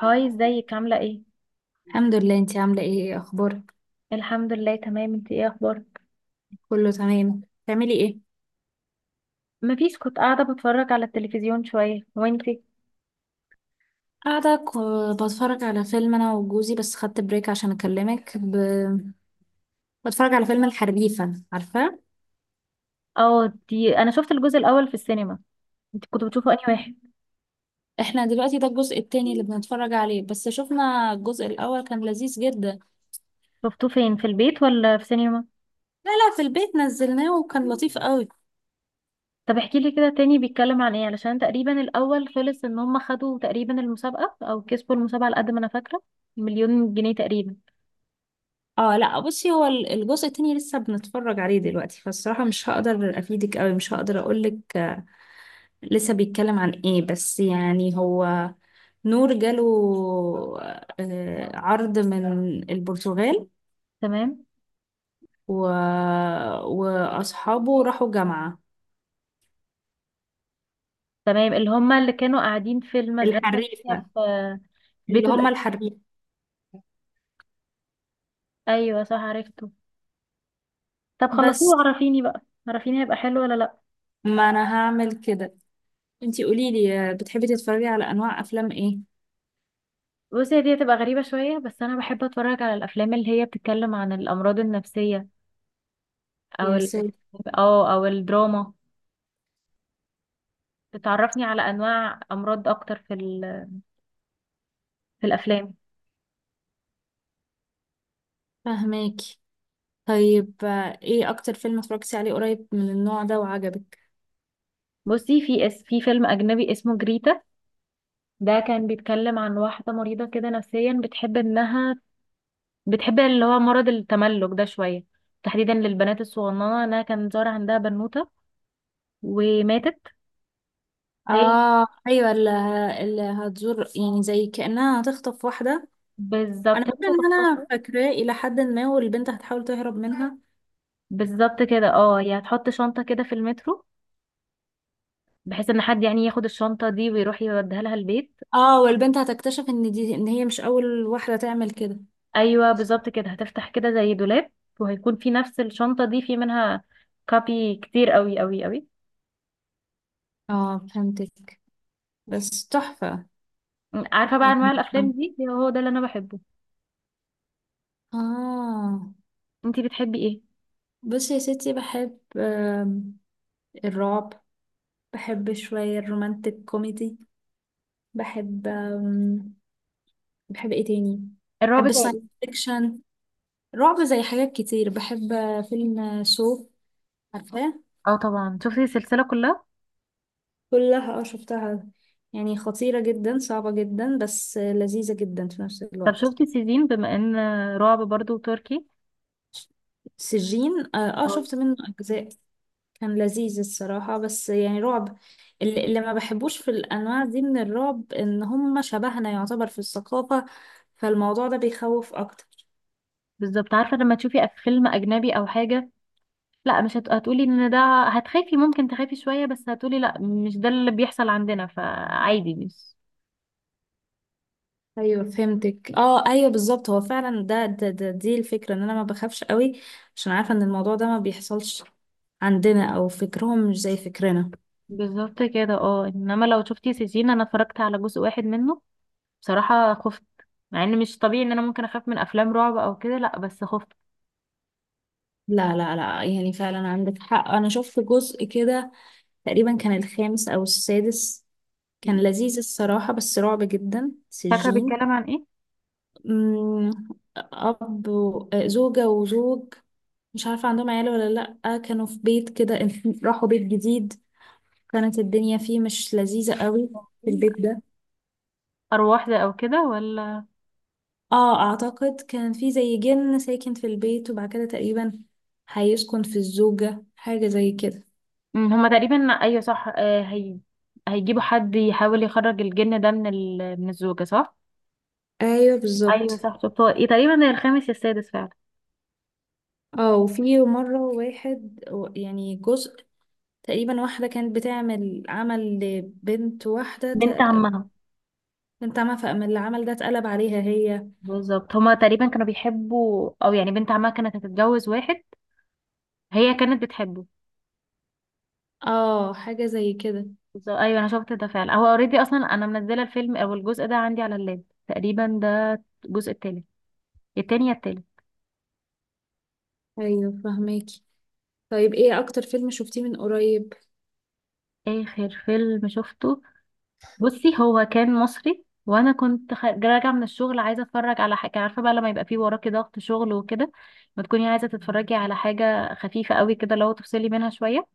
هاي، ازيك؟ عاملة ايه؟ الحمد لله. انتي عاملة ايه؟ اخبارك؟ الحمد لله تمام. انتي ايه اخبارك؟ كله تمام. بتعملي ايه؟ مفيش، كنت قاعدة بتفرج على التلفزيون شوية، وانتي؟ قاعدة بتفرج على فيلم انا وجوزي، بس خدت بريك عشان اكلمك بتفرج على فيلم الحريفة، عارفة. اه، دي انا شفت الجزء الاول في السينما. انتي كنت بتشوفه انهي واحد؟ احنا دلوقتي ده الجزء التاني اللي بنتفرج عليه، بس شفنا الجزء الاول كان لذيذ جدا. شفتوه فين، في البيت ولا في سينما؟ لا لا، في البيت نزلناه وكان لطيف قوي. طب احكي لي كده تاني، بيتكلم عن ايه؟ علشان تقريبا الاول خلص ان هم خدوا تقريبا المسابقة او كسبوا المسابقة على قد ما انا فاكرة، مليون جنيه تقريبا. اه لا، بصي هو الجزء التاني لسه بنتفرج عليه دلوقتي، فالصراحة مش هقدر افيدك قوي، مش هقدر اقولك لسه بيتكلم عن ايه، بس يعني هو نور جاله عرض من البرتغال. تمام. و... وأصحابه راحوا جامعة تمام، اللي هم اللي كانوا قاعدين في المدرسة اللي هي الحريفة. في اللي بيته هم الحريفة. ايوه صح، عرفته. طب خلصيه بس وعرفيني بقى، عرفيني هيبقى حلو ولا لا. ما أنا هعمل كده. انتي قوليلي، بتحبي تتفرجي على أنواع أفلام ايه؟ بصي، هي دي هتبقى غريبة شوية، بس أنا بحب أتفرج على الأفلام اللي هي بتتكلم عن الأمراض النفسية أو يا ال سيدي، أو أو الدراما، بتعرفني على أنواع أمراض أكتر في الأفلام. فهماكي. طيب، ايه أكتر فيلم اتفرجتي عليه قريب من النوع ده وعجبك؟ بصي، في فيلم أجنبي اسمه جريتا، ده كان بيتكلم عن واحدة مريضة كده نفسيا، بتحب إنها بتحب اللي هو مرض التملك ده شوية، تحديدا للبنات الصغننة. إنها كان ظاهر عندها بنوتة، وماتت. هي، اه ايوه، اللي هتزور، يعني زي كأنها هتخطف واحدة. انا بالظبط، هي مش فاكره ان هتختارها. انا فاكراه الى حد ما، والبنت هتحاول تهرب منها. بالظبط كده، هي هتحط شنطة كده في المترو، بحيث ان حد يعني ياخد الشنطة دي ويروح يوديها لها البيت. اه، والبنت هتكتشف ان دي، ان هي مش اول واحدة تعمل كده. ايوه بالظبط كده، هتفتح كده زي دولاب، وهيكون في نفس الشنطة دي في منها كابي كتير قوي قوي قوي. اه فهمتك، بس تحفة. عارفة بقى، انواع يعني، الافلام دي هو ده اللي انا بحبه. اه. انتي بتحبي ايه؟ بصي يا ستي، بحب الرعب، بحب شوية الرومانتك كوميدي، بحب بحب ايه تاني، الرعب بحب الساينس التركي. فيكشن، رعب، زي حاجات كتير. بحب فيلم سو، عارفاه. اه طبعا، شفتي السلسلة كلها؟ كلها، اه، شفتها. يعني خطيرة جدا، صعبة جدا، بس لذيذة جدا في نفس طب الوقت. شفتي سيزين، بما ان رعب برضو تركي؟ سجين، اه، اه. شفت منه اجزاء. كان لذيذ الصراحة، بس يعني رعب. اللي ما بحبوش في الانواع دي من الرعب، ان هم شبهنا يعتبر في الثقافة، فالموضوع ده بيخوف اكتر. بالظبط، عارفة لما تشوفي فيلم اجنبي او حاجة، لا مش هتقولي ان ده، هتخافي، ممكن تخافي شوية، بس هتقولي لا مش ده اللي بيحصل عندنا، فعادي مش. ايوه فهمتك، اه ايوه بالظبط، هو فعلا ده دي الفكرة، ان انا ما بخافش قوي عشان عارفة ان الموضوع ده ما بيحصلش عندنا، او فكرهم مش زي فكرنا. بالظبط كده، انما لو شفتي سجين، انا اتفرجت على جزء واحد منه، بصراحة خفت. مع ان مش طبيعي ان انا ممكن اخاف من افلام رعب او كده، لا بس خفت. لا لا لا، يعني فعلا عندك حق، انا شفت جزء كده تقريبا كان الخامس او السادس. كان لذيذ الصراحة، بس رعب جدا فاكرة سجين. بيتكلم عن ايه؟ أمم، أب زوجة وزوج، مش عارفة عندهم عيال ولا لأ، كانوا في بيت كده، راحوا بيت جديد، كانت الدنيا فيه مش لذيذة قوي، في البيت ده. ارواح ده او كده ولا؟ اه، أعتقد كان في زي جن ساكن في البيت، وبعد كده تقريبا هيسكن في الزوجة، حاجة زي كده. هما تقريبا، ايوه صح، هي هيجيبوا حد يحاول يخرج الجن ده من الزوجة، صح؟ ايوه ايوه بالظبط. صح، شفت. هو ايه تقريبا ده، الخامس يا السادس فعلا. اه وفي مرة يعني جزء تقريبا، واحدة كانت بتعمل عمل لبنت واحدة، بنت عمها. بنت عامة، فأما اللي عمل ده اتقلب عليها هي. بالظبط، هما تقريبا كانوا بيحبوا، او يعني بنت عمها كانت هتتجوز واحد هي كانت بتحبه. اه حاجة زي كده. بالظبط. ايوه انا شفت ده فعلا، هو اوريدي اصلا انا منزله الفيلم او الجزء ده عندي على اللاب. تقريبا ده الجزء التالت، التاني يا التالت. ايوه فهماكي. طيب، ايه اكتر فيلم شفتيه من قريب؟ اخر فيلم شفته، بصي هو كان مصري، وانا كنت راجعه من الشغل، عايزه اتفرج على حاجه. عارفه بقى لما يبقى فيه وراكي ضغط شغل وكده، ما تكوني عايزه تتفرجي على حاجه خفيفه قوي كده، لو تفصلي منها شويه.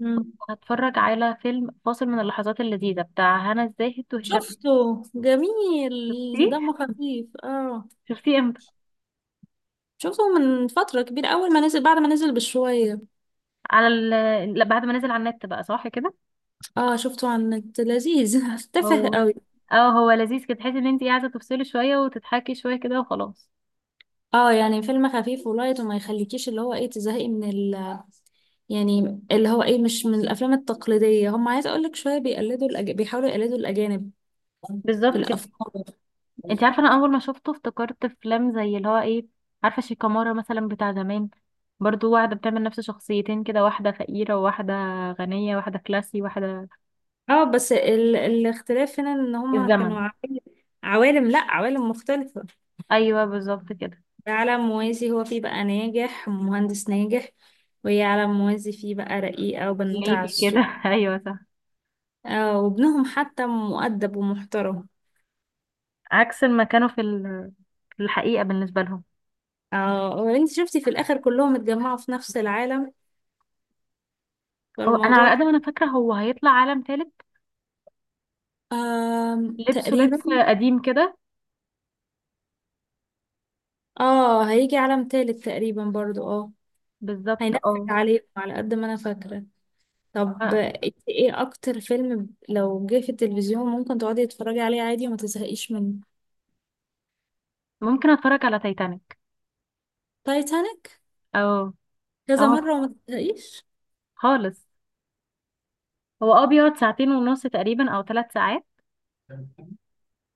مم. هتفرج على فيلم فاصل من اللحظات اللذيذه بتاع هنا الزاهد وهشام. شفته، جميل، شفتيه؟ دمه خفيف، اه. شفتيه امتى؟ شفته من فترة كبيرة، أول ما نزل، بعد ما نزل بشوية. على ال... لا، بعد ما نزل على النت، بقى صح كده؟ اه شفته على النت، لذيذ تافه هو قوي. اه هو لذيذ كده، تحسي ان انت قاعده تفصلي شويه وتضحكي شويه كده وخلاص. اه يعني فيلم خفيف ولايت، وما يخليكيش اللي هو ايه، تزهقي من ال، يعني اللي هو ايه، مش من الأفلام التقليدية. هم عايز أقولك شوية بيقلدوا بيحاولوا يقلدوا الأجانب في بالظبط كده. الأفكار. انت عارفه، انا اول ما شفته افتكرت افلام زي اللي هو ايه، عارفه شيكامارا مثلا بتاع زمان. برضو واحده بتعمل نفس شخصيتين كده، واحده فقيره وواحده غنيه، واحده كلاسي واحده اه، بس الاختلاف هنا ان هما الزمن. كانوا عوالم، عوالم لا عوالم مختلفة. ايوه بالظبط كده. ده عالم موازي، هو فيه بقى ناجح، مهندس ناجح، وهي عالم موازي فيه بقى رقيقة وبنوتة على ليدي كده السوق. ايوه صح. آه، وابنهم حتى مؤدب ومحترم. عكس ما كانوا في الحقيقه بالنسبه لهم. اه، وانت شفتي في الاخر كلهم اتجمعوا في نفس العالم، هو انا على فالموضوع. قد ما انا فاكره، هو هيطلع عالم ثالث، آه لبسه لبس تقريبا. قديم كده. اه هيجي عالم تالت تقريبا برضو، اه. بالظبط هينفذ اه. عليهم على قد ما انا فاكرة. طب آه. انت ايه اكتر فيلم، لو جه في التلفزيون ممكن تقعدي تتفرجي عليه عادي وما تزهقيش منه؟ ممكن اتفرج على تايتانيك، تايتانيك؟ او كذا او مرة وما تزهقيش؟ خالص. هو بيقعد ساعتين ونص تقريبا او ثلاث ساعات،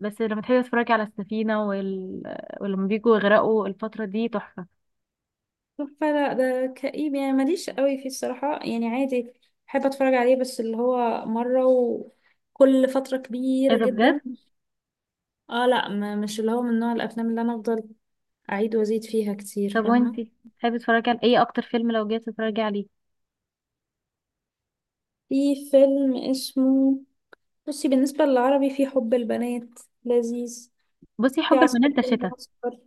بس لما تحبي تتفرجي على السفينة ولما بيجوا يغرقوا، الفترة دي تحفة. فلا، ده كئيب، يعني ماليش قوي فيه الصراحة، يعني عادي، بحب اتفرج عليه بس اللي هو مرة وكل فترة ايه كبيرة ده بجد؟ جدا. اه لا، ما مش اللي هو من نوع الافلام اللي انا افضل اعيد وازيد فيها كتير، طب فاهمة. وانتي، تحبي تتفرجي على ايه، اكتر فيلم لو جيت تتفرجي عليه؟ في فيلم اسمه، بصي بالنسبة للعربي، في حب البنات، لذيذ، بصي، في حب عسكر البنات ده في شتا. المعسكر،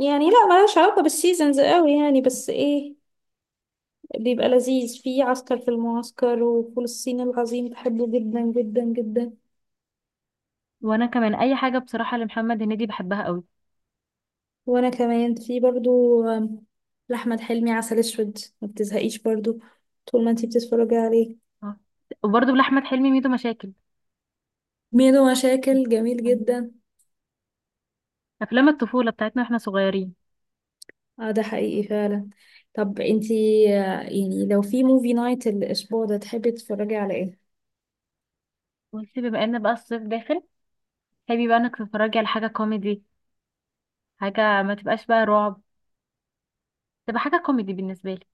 يعني لا ملهاش علاقة بالسيزونز قوي يعني، بس ايه، بيبقى لذيذ في عسكر في المعسكر، وفول الصين العظيم بحبه جدا جدا جدا. وانا كمان، اي حاجة بصراحة لمحمد هنيدي بحبها قوي. وانا كمان في برضو لأحمد حلمي عسل اسود، ما بتزهقيش برضو طول ما انتي بتتفرجي عليه. اه، وبرضه لأحمد حلمي، ميدو مشاكل. ميدو مشاكل، جميل جدا، افلام الطفولة بتاعتنا واحنا صغيرين. اه، ده حقيقي فعلا. طب انتي، يعني لو في موفي نايت الاسبوع ده، تحبي تتفرجي على ايه؟ وانتي بما ان بقى الصيف داخل، تحبي بقى انك تتفرجي على حاجة كوميدي، حاجة ما تبقاش بقى رعب، تبقى حاجة كوميدي بالنسبة لي.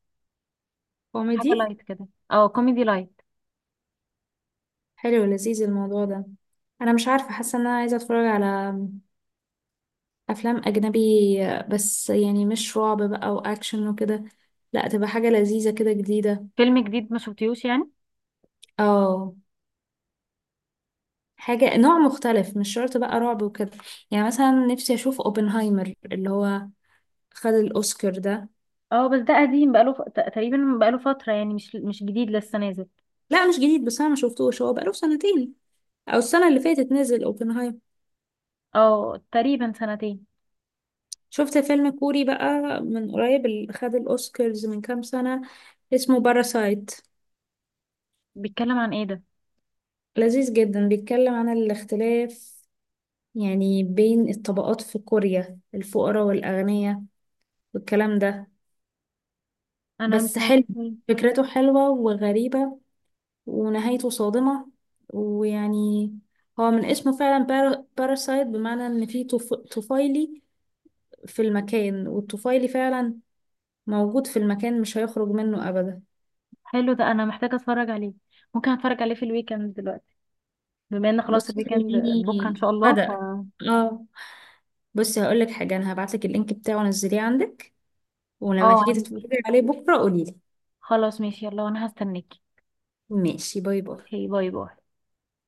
حاجة كوميدي، لايت كده، كوميدي لايت. حلو، لذيذ الموضوع ده. انا مش عارفه، حاسه ان انا عايزه اتفرج على افلام اجنبي، بس يعني مش رعب بقى واكشن وكده، لا تبقى حاجه لذيذه كده جديده. فيلم جديد ما شفتيهوش يعني. اه، حاجه نوع مختلف، مش شرط بقى رعب وكده. يعني مثلا نفسي اشوف اوبنهايمر، اللي هو خد الاوسكار ده. اه بس ده قديم، بقاله تقريبا بقاله فترة، يعني مش جديد لسه نازل. لا مش جديد، بس انا ما شفتوش، هو بقاله سنتين او السنه اللي فاتت نزل اوبنهايمر. اه تقريبا سنتين. شفت فيلم كوري بقى من قريب، اللي خد الاوسكارز من كام سنه، اسمه باراسايت. بيتكلم عن ايه ده؟ لذيذ جدا، بيتكلم عن الاختلاف يعني بين الطبقات في كوريا، الفقراء والأغنياء والكلام ده. انا مش بس حلو، عارفة إيه. فكرته حلوة وغريبة، ونهايته صادمة، ويعني هو من اسمه فعلا، باراسايت، بمعنى إن في طفيلي في المكان، والطفيلي فعلا موجود في المكان مش هيخرج منه أبدا. حلو ده، انا محتاجة اتفرج عليه. ممكن اتفرج عليه في الويكند دلوقتي، بما ان خلاص بص الويكند بكرة ان خليني شاء الله بدأ. اه، بصي هقولك حاجة، أنا هبعتلك اللينك بتاعه، نزليه عندك، ولما اه، تيجي عندي. تتفرجي عليه بكرة قوليلي. خلاص ماشي، يلا، وانا هستناكي. ماشي، باي باي. اوكي، باي باي.